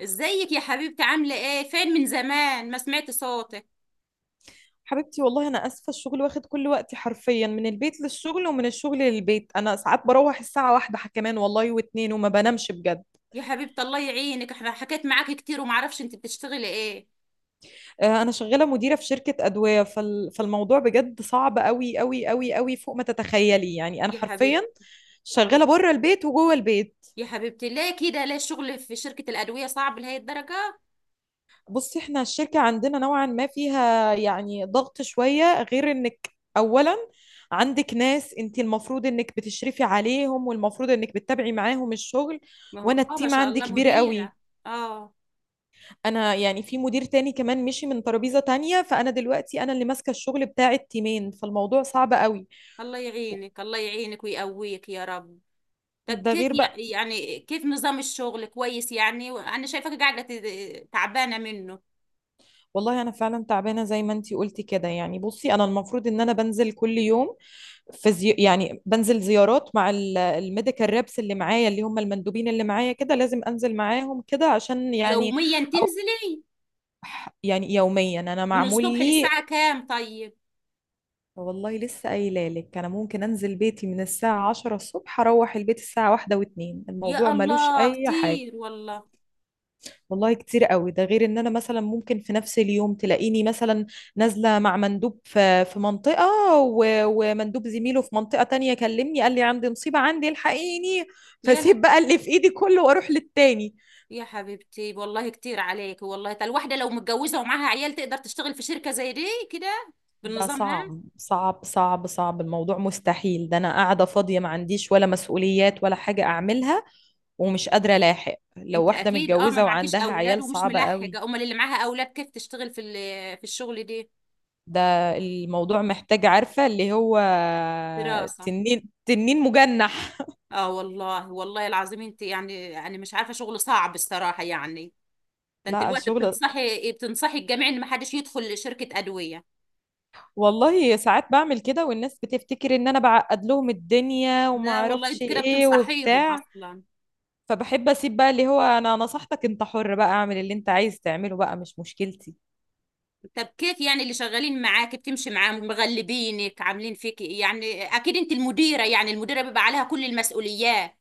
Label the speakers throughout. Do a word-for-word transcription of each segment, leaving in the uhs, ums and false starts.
Speaker 1: ازيك يا حبيبتي، عاملة ايه؟ فين من زمان ما سمعت صوتك.
Speaker 2: حبيبتي، والله انا اسفه. الشغل واخد كل وقتي حرفيا، من البيت للشغل ومن الشغل للبيت. انا ساعات بروح الساعه واحدة كمان والله واتنين، وما بنامش بجد.
Speaker 1: يا حبيبتي الله يعينك، احنا حكيت معاكي كتير ومعرفش انت بتشتغلي ايه؟
Speaker 2: آه، انا شغاله مديره في شركه ادويه. فال... فالموضوع بجد صعب قوي قوي قوي قوي، فوق ما تتخيلي. يعني انا
Speaker 1: يا حبيبتي.
Speaker 2: حرفيا
Speaker 1: الله.
Speaker 2: شغاله بره البيت وجوه البيت.
Speaker 1: يا حبيبتي ليه كده؟ ليه الشغل في شركة الأدوية صعب لهي الدرجة؟
Speaker 2: بصي، احنا الشركة عندنا نوعا ما فيها يعني ضغط شوية، غير انك اولا عندك ناس انت المفروض انك بتشرفي عليهم والمفروض انك بتتابعي معاهم الشغل.
Speaker 1: ما هو
Speaker 2: وانا
Speaker 1: اه، ما
Speaker 2: التيم
Speaker 1: شاء
Speaker 2: عندي
Speaker 1: الله
Speaker 2: كبير قوي.
Speaker 1: مديرة. اه.
Speaker 2: انا يعني في مدير تاني كمان مشي من ترابيزة تانية، فانا دلوقتي انا اللي ماسكة الشغل بتاع التيمين، فالموضوع صعب قوي.
Speaker 1: الله يعينك، الله يعينك ويقويك يا رب. طب
Speaker 2: ده
Speaker 1: كيف
Speaker 2: غير
Speaker 1: يع-
Speaker 2: بقى.
Speaker 1: يعني كيف نظام الشغل؟ كويس؟ يعني انا شايفاك قاعدة ت- تعبانة منه.
Speaker 2: والله انا فعلا تعبانه زي ما انتي قلتي كده. يعني بصي، انا المفروض ان انا بنزل كل يوم فيزيو. يعني بنزل زيارات مع ال- الميديكال ريبس اللي معايا، اللي هم المندوبين اللي معايا، كده لازم انزل معاهم كده عشان يعني.
Speaker 1: يوميا
Speaker 2: او
Speaker 1: تنزلي؟
Speaker 2: يعني يوميا انا
Speaker 1: من
Speaker 2: معمول
Speaker 1: الصبح
Speaker 2: لي.
Speaker 1: للساعة كام طيب؟
Speaker 2: والله لسه قايله لك، انا ممكن انزل بيتي من الساعه عشرة الصبح، اروح البيت الساعه واحدة و2. الموضوع
Speaker 1: يا
Speaker 2: ملوش
Speaker 1: الله
Speaker 2: اي حاجه.
Speaker 1: كتير والله.
Speaker 2: والله كتير قوي. ده غير ان انا مثلا ممكن في نفس اليوم تلاقيني مثلا نازله مع مندوب في في منطقه و- ومندوب زميله في منطقه تانية كلمني قال لي عندي مصيبه، عندي الحقيني،
Speaker 1: يا
Speaker 2: فسيب
Speaker 1: لا.
Speaker 2: بقى اللي في ايدي كله واروح للتاني.
Speaker 1: يا حبيبتي والله كتير عليك، والله تا الواحدة لو متجوزة ومعاها عيال تقدر تشتغل في شركة زي دي كده
Speaker 2: ده
Speaker 1: بالنظام؟ ها؟
Speaker 2: صعب صعب صعب صعب. الموضوع مستحيل. ده انا قاعده فاضيه ما عنديش ولا مسؤوليات ولا حاجه اعملها، ومش قادره الاحق. لو
Speaker 1: انت
Speaker 2: واحده
Speaker 1: اكيد اه ما
Speaker 2: متجوزه
Speaker 1: معكيش
Speaker 2: وعندها
Speaker 1: اولاد
Speaker 2: عيال،
Speaker 1: ومش
Speaker 2: صعبه قوي.
Speaker 1: ملحقة، امال اللي معاها اولاد كيف تشتغل في ال- في الشغل دي؟
Speaker 2: ده الموضوع محتاج، عارفة اللي هو،
Speaker 1: دراسة.
Speaker 2: تنين تنين مجنح.
Speaker 1: اه والله، والله العظيم، انت يعني يعني مش عارفة، شغل صعب الصراحة يعني. ده انت
Speaker 2: لا
Speaker 1: الوقت
Speaker 2: الشغل،
Speaker 1: بتنصحي، بتنصحي الجميع ان ما حدش يدخل شركة ادوية.
Speaker 2: والله ساعات بعمل كده والناس بتفتكر ان انا بعقد لهم الدنيا وما
Speaker 1: لا والله
Speaker 2: اعرفش
Speaker 1: انت كده
Speaker 2: ايه
Speaker 1: بتنصحيهم
Speaker 2: وبتاع.
Speaker 1: اصلا.
Speaker 2: فبحب اسيب بقى اللي هو، انا نصحتك، انت حر بقى، اعمل اللي انت عايز تعمله بقى، مش مشكلتي.
Speaker 1: طب كيف يعني اللي شغالين معاك بتمشي معاهم؟ مغلبينك؟ عاملين فيك إيه؟ يعني اكيد انت المديرة، يعني المديرة بيبقى عليها كل المسؤوليات.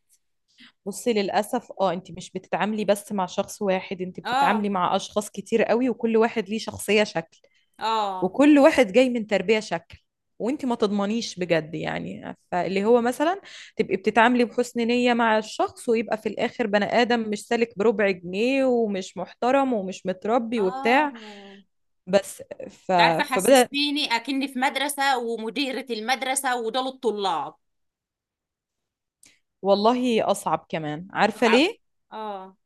Speaker 2: بصي للاسف اه، انت مش بتتعاملي بس مع شخص واحد، انت
Speaker 1: اه.
Speaker 2: بتتعاملي مع اشخاص كتير قوي، وكل واحد ليه شخصية شكل،
Speaker 1: اه.
Speaker 2: وكل واحد جاي من تربية شكل. وانت ما تضمنيش بجد، يعني فاللي هو مثلا تبقي بتتعاملي بحسن نية مع الشخص ويبقى في الآخر بني آدم مش سالك بربع جنيه ومش محترم ومش متربي
Speaker 1: اه.
Speaker 2: وبتاع. بس. ف...
Speaker 1: تعرفي
Speaker 2: فبدأ.
Speaker 1: حسستيني اكني في مدرسة ومديرة المدرسة ودول الطلاب.
Speaker 2: والله أصعب، كمان عارفة
Speaker 1: اه.
Speaker 2: ليه؟
Speaker 1: اه.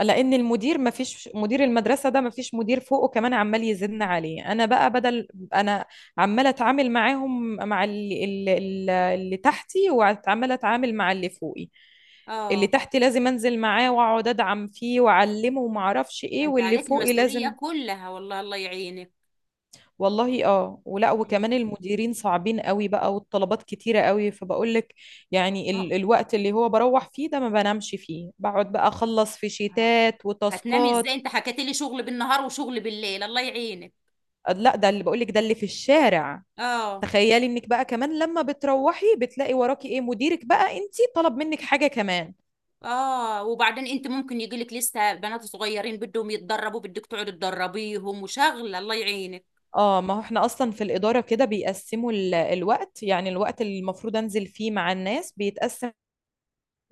Speaker 2: لان المدير، ما فيش مدير، المدرسه ده ما فيش مدير فوقه كمان عمال يزن عليه. انا بقى بدل انا عماله اتعامل معاهم، مع اللي, اللي, اللي تحتي، وعماله اتعامل مع اللي فوقي. اللي
Speaker 1: آه.
Speaker 2: تحتي لازم انزل معاه واقعد ادعم فيه واعلمه وما اعرفش ايه،
Speaker 1: انت
Speaker 2: واللي
Speaker 1: عليك
Speaker 2: فوقي لازم.
Speaker 1: المسؤولية كلها، والله الله يعينك.
Speaker 2: والله اه، ولا
Speaker 1: مم.
Speaker 2: وكمان المديرين صعبين قوي بقى، والطلبات كتيرة قوي، فبقول لك يعني
Speaker 1: ما
Speaker 2: ال الوقت اللي هو بروح فيه ده ما بنامش فيه، بقعد بقى اخلص في
Speaker 1: هو-
Speaker 2: شيتات
Speaker 1: هتنامي
Speaker 2: وتاسكات.
Speaker 1: ازاي؟ انت حكيت لي شغل بالنهار وشغل بالليل، الله يعينك.
Speaker 2: لا ده اللي بقولك ده اللي في الشارع.
Speaker 1: اه.
Speaker 2: تخيلي انك بقى كمان لما بتروحي بتلاقي وراكي ايه، مديرك بقى انتي طلب منك حاجة كمان.
Speaker 1: اه وبعدين انت ممكن يجيلك لسه بنات صغيرين بدهم يتدربوا، بدك تقعدي تدربيهم وشغله، الله يعينك.
Speaker 2: اه ما هو احنا اصلا في الإدارة كده بيقسموا ال- الوقت، يعني الوقت اللي المفروض انزل فيه مع الناس بيتقسم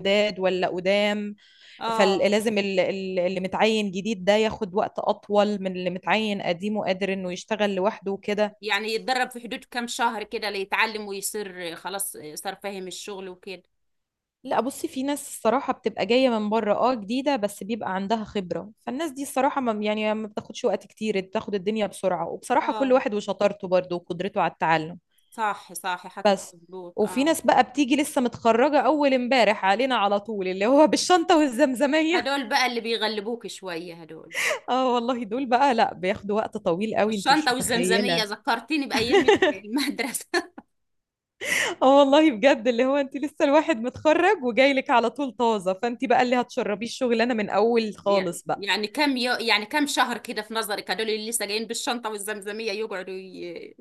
Speaker 2: جداد ولا قدام.
Speaker 1: اه.
Speaker 2: فلازم اللي متعين جديد ده ياخد وقت اطول من اللي متعين قديم وقادر انه يشتغل لوحده وكده.
Speaker 1: يعني يتدرب في حدود كام شهر كده ليتعلم ويصير خلاص صار فاهم الشغل وكده؟
Speaker 2: لا بصي، في ناس الصراحة بتبقى جاية من بره اه، جديدة بس بيبقى عندها خبرة، فالناس دي الصراحة ما يعني ما بتاخدش وقت كتير، بتاخد الدنيا بسرعة. وبصراحة كل
Speaker 1: اه
Speaker 2: واحد وشطارته برضه وقدرته على التعلم.
Speaker 1: صح صح، حكيك
Speaker 2: بس.
Speaker 1: مظبوط
Speaker 2: وفي
Speaker 1: اه.
Speaker 2: ناس بقى بتيجي لسه متخرجة أول امبارح علينا على طول، اللي هو بالشنطة والزمزمية.
Speaker 1: هدول بقى اللي بيغلبوك شوية هدول.
Speaker 2: اه والله دول بقى لا، بياخدوا وقت طويل قوي، انت مش
Speaker 1: بالشنطة والزمزمية
Speaker 2: متخيلة.
Speaker 1: ذكرتيني بأيام المدرسة.
Speaker 2: اه والله بجد، اللي هو انت لسه الواحد متخرج وجاي لك على طول طازة، فانت بقى اللي هتشربيه الشغلانة من أول
Speaker 1: يعني
Speaker 2: خالص بقى.
Speaker 1: يعني كم يو يعني كم شهر كده في نظرك هدول اللي لسه جايين بالشنطة والزمزمية يقعدوا ي-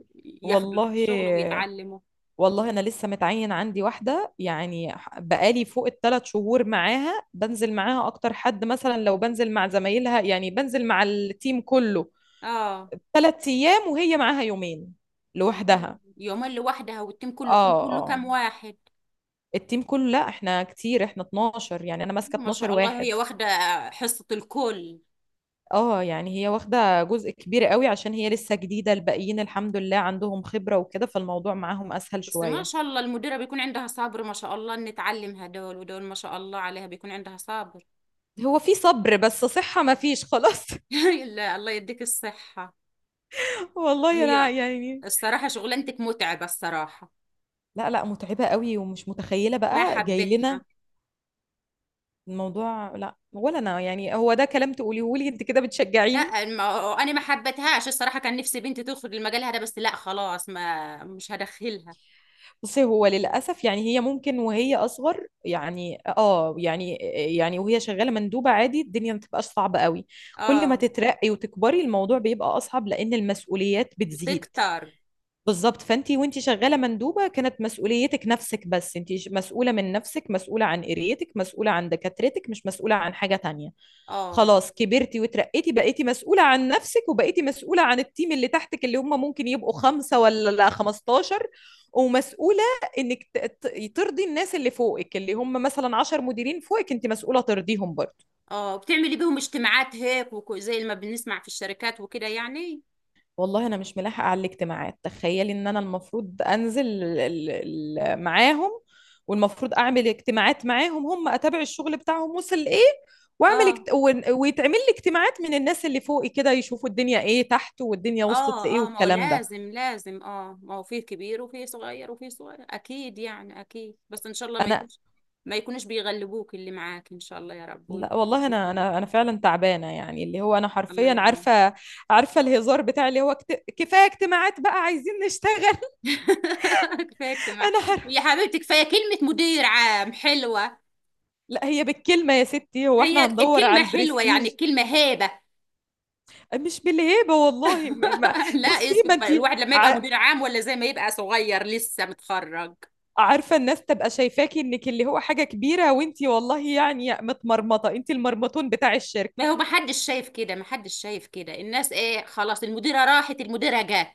Speaker 1: ياخدوا
Speaker 2: والله.
Speaker 1: الشغل ويتعلموا؟
Speaker 2: والله انا لسه متعين عندي واحده، يعني ح- بقالي فوق التلات شهور معاها، بنزل معاها اكتر حد، مثلا لو بنزل مع زمايلها يعني بنزل مع التيم كله
Speaker 1: اه.
Speaker 2: ثلاث ايام، وهي معاها يومين لوحدها.
Speaker 1: يومين لوحدها؟ والتيم كله، التيم
Speaker 2: اه
Speaker 1: كله
Speaker 2: اه.
Speaker 1: كام واحد؟
Speaker 2: التيم كله لا، احنا كتير، احنا اتناشر، يعني انا ماسكه
Speaker 1: ما
Speaker 2: اتناشر
Speaker 1: شاء الله
Speaker 2: واحد.
Speaker 1: هي واخدة حصة الكل.
Speaker 2: اه يعني هي واخده جزء كبير قوي عشان هي لسه جديده، الباقيين الحمد لله عندهم خبره وكده، فالموضوع معاهم اسهل
Speaker 1: بس ما
Speaker 2: شويه.
Speaker 1: شاء الله المديرة بيكون عندها صبر، ما شاء الله ان تعلم هدول ودول، ما شاء الله عليها بيكون عندها صبر.
Speaker 2: هو في صبر بس صحه ما فيش خلاص.
Speaker 1: لا الله يديك الصحة.
Speaker 2: والله انا
Speaker 1: هي
Speaker 2: يعني.
Speaker 1: الصراحة شغلانتك متعبة الصراحة.
Speaker 2: لا لا، متعبة قوي ومش متخيلة
Speaker 1: ما
Speaker 2: بقى جاي لنا
Speaker 1: حبيتها.
Speaker 2: الموضوع. لا، ولا انا يعني هو ده كلام تقوليه لي انت كده، بتشجعيني.
Speaker 1: لا، ما انا ما حبيتهاش الصراحة، كان نفسي بنتي تدخل المجال هذا، بس لا خلاص ما مش هدخلها.
Speaker 2: بصي هو للأسف يعني هي ممكن وهي أصغر، يعني اه يعني، يعني وهي شغالة مندوبة عادي الدنيا ما تبقاش صعبة قوي. كل ما
Speaker 1: اه.
Speaker 2: تترقي وتكبري الموضوع بيبقى أصعب، لأن المسؤوليات بتزيد.
Speaker 1: بتكتر.
Speaker 2: بالظبط. فانت وانت شغاله مندوبه كانت مسؤوليتك نفسك بس، انت ش- مسؤوله من نفسك، مسؤوله عن قريتك، مسؤوله عن دكاترتك، مش مسؤوله عن حاجه تانية.
Speaker 1: اه
Speaker 2: خلاص كبرتي وترقيتي، بقيتي مسؤوله عن نفسك وبقيتي مسؤوله عن التيم اللي تحتك، اللي هم ممكن يبقوا خمسه ولا خمستاشر. ومسؤوله انك ت- ت- ترضي الناس اللي فوقك، اللي هم مثلا عشرة مديرين فوقك، انت مسؤوله ترضيهم برضه.
Speaker 1: اه. بتعملي بيهم اجتماعات هيك وك- زي ما بنسمع في الشركات وكده يعني؟
Speaker 2: والله انا مش ملاحقه على الاجتماعات. تخيلي ان انا المفروض انزل ال- ال- ال- معاهم، والمفروض اعمل اجتماعات معاهم هم، اتابع الشغل بتاعهم وصل لايه، واعمل
Speaker 1: اه.
Speaker 2: اجت... ون- ويتعمل لي اجتماعات من الناس اللي فوقي كده، يشوفوا الدنيا ايه تحت والدنيا وصلت لايه
Speaker 1: اه. اه ما هو
Speaker 2: والكلام ده.
Speaker 1: لازم لازم اه، ما هو فيه كبير وفيه صغير وفيه صغير اكيد يعني، اكيد. بس ان شاء الله ما
Speaker 2: انا.
Speaker 1: يكونش، ما يكونوش بيغلبوك اللي معاك ان شاء الله يا رب،
Speaker 2: لا
Speaker 1: ويكون
Speaker 2: والله انا انا انا فعلا تعبانه، يعني اللي هو انا
Speaker 1: الله
Speaker 2: حرفيا
Speaker 1: يعينك.
Speaker 2: عارفه عارفه الهزار بتاع اللي هو كت... كفايه اجتماعات بقى عايزين نشتغل.
Speaker 1: كفايه اجتماع.
Speaker 2: انا حر...
Speaker 1: يا حبيبتي كفايه كلمه مدير عام حلوه.
Speaker 2: لا هي بالكلمه يا ستي، هو
Speaker 1: هي
Speaker 2: احنا هندور
Speaker 1: الكلمه
Speaker 2: على
Speaker 1: حلوه، يعني
Speaker 2: البرستيج؟
Speaker 1: الكلمه هيبه.
Speaker 2: مش بالهيبه والله. م- ما
Speaker 1: لا
Speaker 2: بصي ما
Speaker 1: اسكت
Speaker 2: انت
Speaker 1: بقى. الواحد لما يبقى مدير عام ولا زي ما يبقى صغير لسه متخرج.
Speaker 2: عارفه، الناس تبقى شايفاكي انك اللي هو حاجه كبيره، وانت والله يعني متمرمطه، انت المرمطون بتاع
Speaker 1: ما
Speaker 2: الشركه.
Speaker 1: هو محدش شايف كده، محدش شايف كده الناس، ايه خلاص المديرة راحت المديرة جت.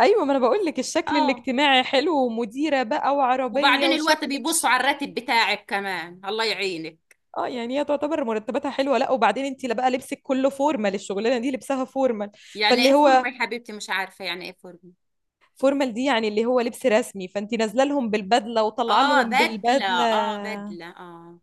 Speaker 2: ايوه، ما انا بقول لك الشكل
Speaker 1: اه.
Speaker 2: الاجتماعي حلو، ومديره بقى وعربيه
Speaker 1: وبعدين الوقت
Speaker 2: وشكلك
Speaker 1: بيبصوا على
Speaker 2: شيك.
Speaker 1: الراتب بتاعك كمان، الله يعينك.
Speaker 2: اه يعني هي تعتبر مرتباتها حلوه. لا وبعدين انت، لا بقى لبسك كله فورمال، الشغلانه دي لبسها فورمال.
Speaker 1: يعني ايه
Speaker 2: فاللي هو
Speaker 1: فورمة يا حبيبتي؟ مش عارفة يعني ايه فورمة.
Speaker 2: فورمال دي يعني اللي هو لبس رسمي، فانت نازله لهم بالبدله وطالعه
Speaker 1: اه
Speaker 2: لهم
Speaker 1: بدلة،
Speaker 2: بالبدله.
Speaker 1: اه بدلة اه.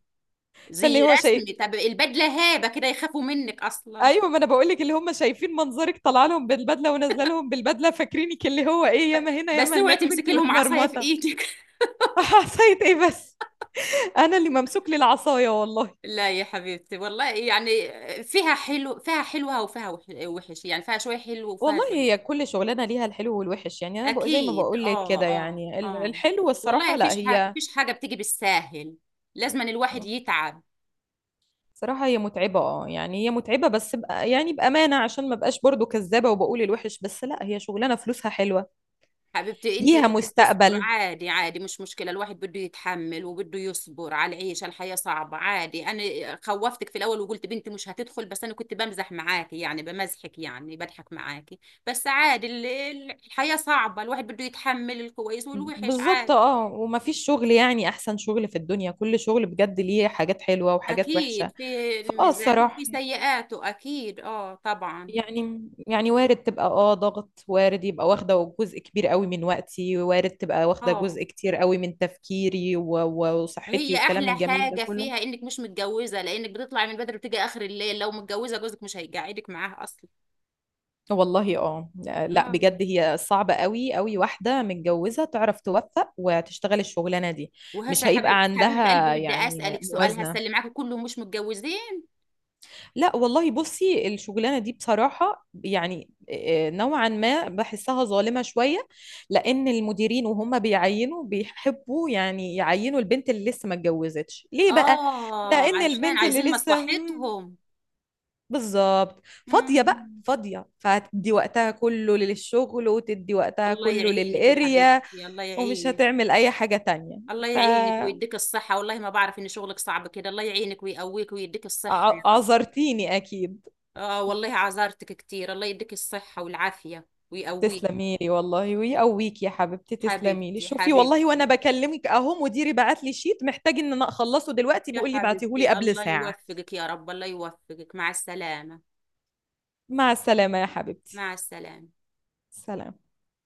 Speaker 1: زي
Speaker 2: فاللي هو شيء،
Speaker 1: رسمي. طب البدلة هيبة كده يخافوا منك اصلا.
Speaker 2: ايوه ما انا بقول لك، اللي هم شايفين منظرك طالعه لهم بالبدله ونازله لهم بالبدله، فاكرينك اللي هو ايه
Speaker 1: ب-
Speaker 2: ياما هنا
Speaker 1: بس
Speaker 2: ياما
Speaker 1: اوعي
Speaker 2: هناك،
Speaker 1: تمسكي
Speaker 2: وانت
Speaker 1: لهم عصاية في
Speaker 2: متمرمطه.
Speaker 1: ايدك.
Speaker 2: عصايه ايه بس، انا اللي ممسوك لي العصايه والله.
Speaker 1: لا يا حبيبتي والله يعني فيها حلو، فيها حلوة وفيها وح- وحش، يعني فيها شوية حلو وفيها
Speaker 2: والله هي
Speaker 1: شوية.
Speaker 2: كل شغلانه ليها الحلو والوحش. يعني انا بقى زي ما
Speaker 1: اكيد
Speaker 2: بقول لك كده،
Speaker 1: اه اه
Speaker 2: يعني ال-
Speaker 1: اه.
Speaker 2: الحلو
Speaker 1: والله
Speaker 2: الصراحه. لا
Speaker 1: فيش حاجه،
Speaker 2: هي
Speaker 1: فيش حاجه بتيجي بالساهل، لازم أن الواحد يتعب.
Speaker 2: صراحه هي متعبه اه، يعني هي متعبه بس بقى يعني بامانه، عشان ما بقاش برضو كذابه وبقول الوحش بس، لا هي شغلانه فلوسها حلوه
Speaker 1: حبيبتي انت
Speaker 2: ليها
Speaker 1: بدك تصبر،
Speaker 2: مستقبل.
Speaker 1: عادي عادي مش مشكله، الواحد بده يتحمل وبده يصبر على العيشه، الحياه صعبه عادي. انا خوفتك في الاول وقلت بنتي مش هتدخل، بس انا كنت بمزح معاكي، يعني بمزحك، يعني بضحك معاكي. بس عادي ال- ال- الحياه صعبه، الواحد بده يتحمل الكويس والوحش
Speaker 2: بالظبط
Speaker 1: عادي.
Speaker 2: اه، ومفيش شغل يعني احسن شغل في الدنيا، كل شغل بجد ليه حاجات حلوة وحاجات
Speaker 1: اكيد
Speaker 2: وحشة.
Speaker 1: في
Speaker 2: فاه
Speaker 1: ميزاته وفي
Speaker 2: الصراحة
Speaker 1: سيئاته، اكيد اه طبعا.
Speaker 2: يعني، يعني وارد تبقى اه ضغط، وارد يبقى واخدة جزء كبير قوي من وقتي، وارد تبقى واخدة
Speaker 1: اه
Speaker 2: جزء كتير قوي من تفكيري و- و- وصحتي
Speaker 1: هي احلى
Speaker 2: والكلام الجميل ده
Speaker 1: حاجه
Speaker 2: كله.
Speaker 1: فيها انك مش متجوزه، لانك بتطلعي من بدري وتيجي اخر الليل، لو متجوزه جوزك مش هيقعدك معاها اصلا.
Speaker 2: والله اه، لا
Speaker 1: اه.
Speaker 2: بجد هي صعبة قوي قوي، واحدة متجوزة تعرف توفق وتشتغل الشغلانة دي.
Speaker 1: وهسه
Speaker 2: مش
Speaker 1: يا
Speaker 2: هيبقى
Speaker 1: حبيب حبيبه
Speaker 2: عندها
Speaker 1: قلبي بدي
Speaker 2: يعني
Speaker 1: اسالك سؤال، هسه
Speaker 2: موازنة.
Speaker 1: اللي معاكي كلهم مش متجوزين؟
Speaker 2: لا والله، بصي الشغلانه دي بصراحه يعني آه، نوعا ما بحسها ظالمه شويه، لان المديرين وهم بيعينوا بيحبوا يعني يعينوا البنت اللي لسه ما اتجوزتش. ليه بقى؟
Speaker 1: اه
Speaker 2: لان
Speaker 1: عشان
Speaker 2: البنت اللي
Speaker 1: عايزين
Speaker 2: لسه مم،
Speaker 1: مصلحتهم.
Speaker 2: بالظبط فاضيه بقى،
Speaker 1: مم.
Speaker 2: فاضيه فهتدي وقتها كله للشغل وتدي وقتها
Speaker 1: الله
Speaker 2: كله
Speaker 1: يعينك يا
Speaker 2: للقريه.
Speaker 1: حبيبتي، الله
Speaker 2: ومش
Speaker 1: يعينك.
Speaker 2: هتعمل اي حاجه تانية.
Speaker 1: الله يعينك ويديك الصحة، والله ما بعرف ان شغلك صعب كده، الله يعينك ويقويك ويديك الصحة يا رب.
Speaker 2: فعذرتيني اكيد.
Speaker 1: اه والله عذرتك كتير، الله يديك الصحة والعافية ويقويك.
Speaker 2: تسلمي لي والله ويقويك يا حبيبتي. تسلمي لي.
Speaker 1: حبيبتي
Speaker 2: شوفي، والله وانا
Speaker 1: حبيبتي
Speaker 2: بكلمك اهو مديري بعت لي شيت محتاج ان انا اخلصه دلوقتي،
Speaker 1: يا
Speaker 2: بيقول لي بعتيه لي
Speaker 1: حبيبتي
Speaker 2: قبل
Speaker 1: الله
Speaker 2: ساعة.
Speaker 1: يوفقك يا رب، الله يوفقك، مع السلامة.
Speaker 2: مع السلامة يا حبيبتي.
Speaker 1: مع السلامة.
Speaker 2: سلام.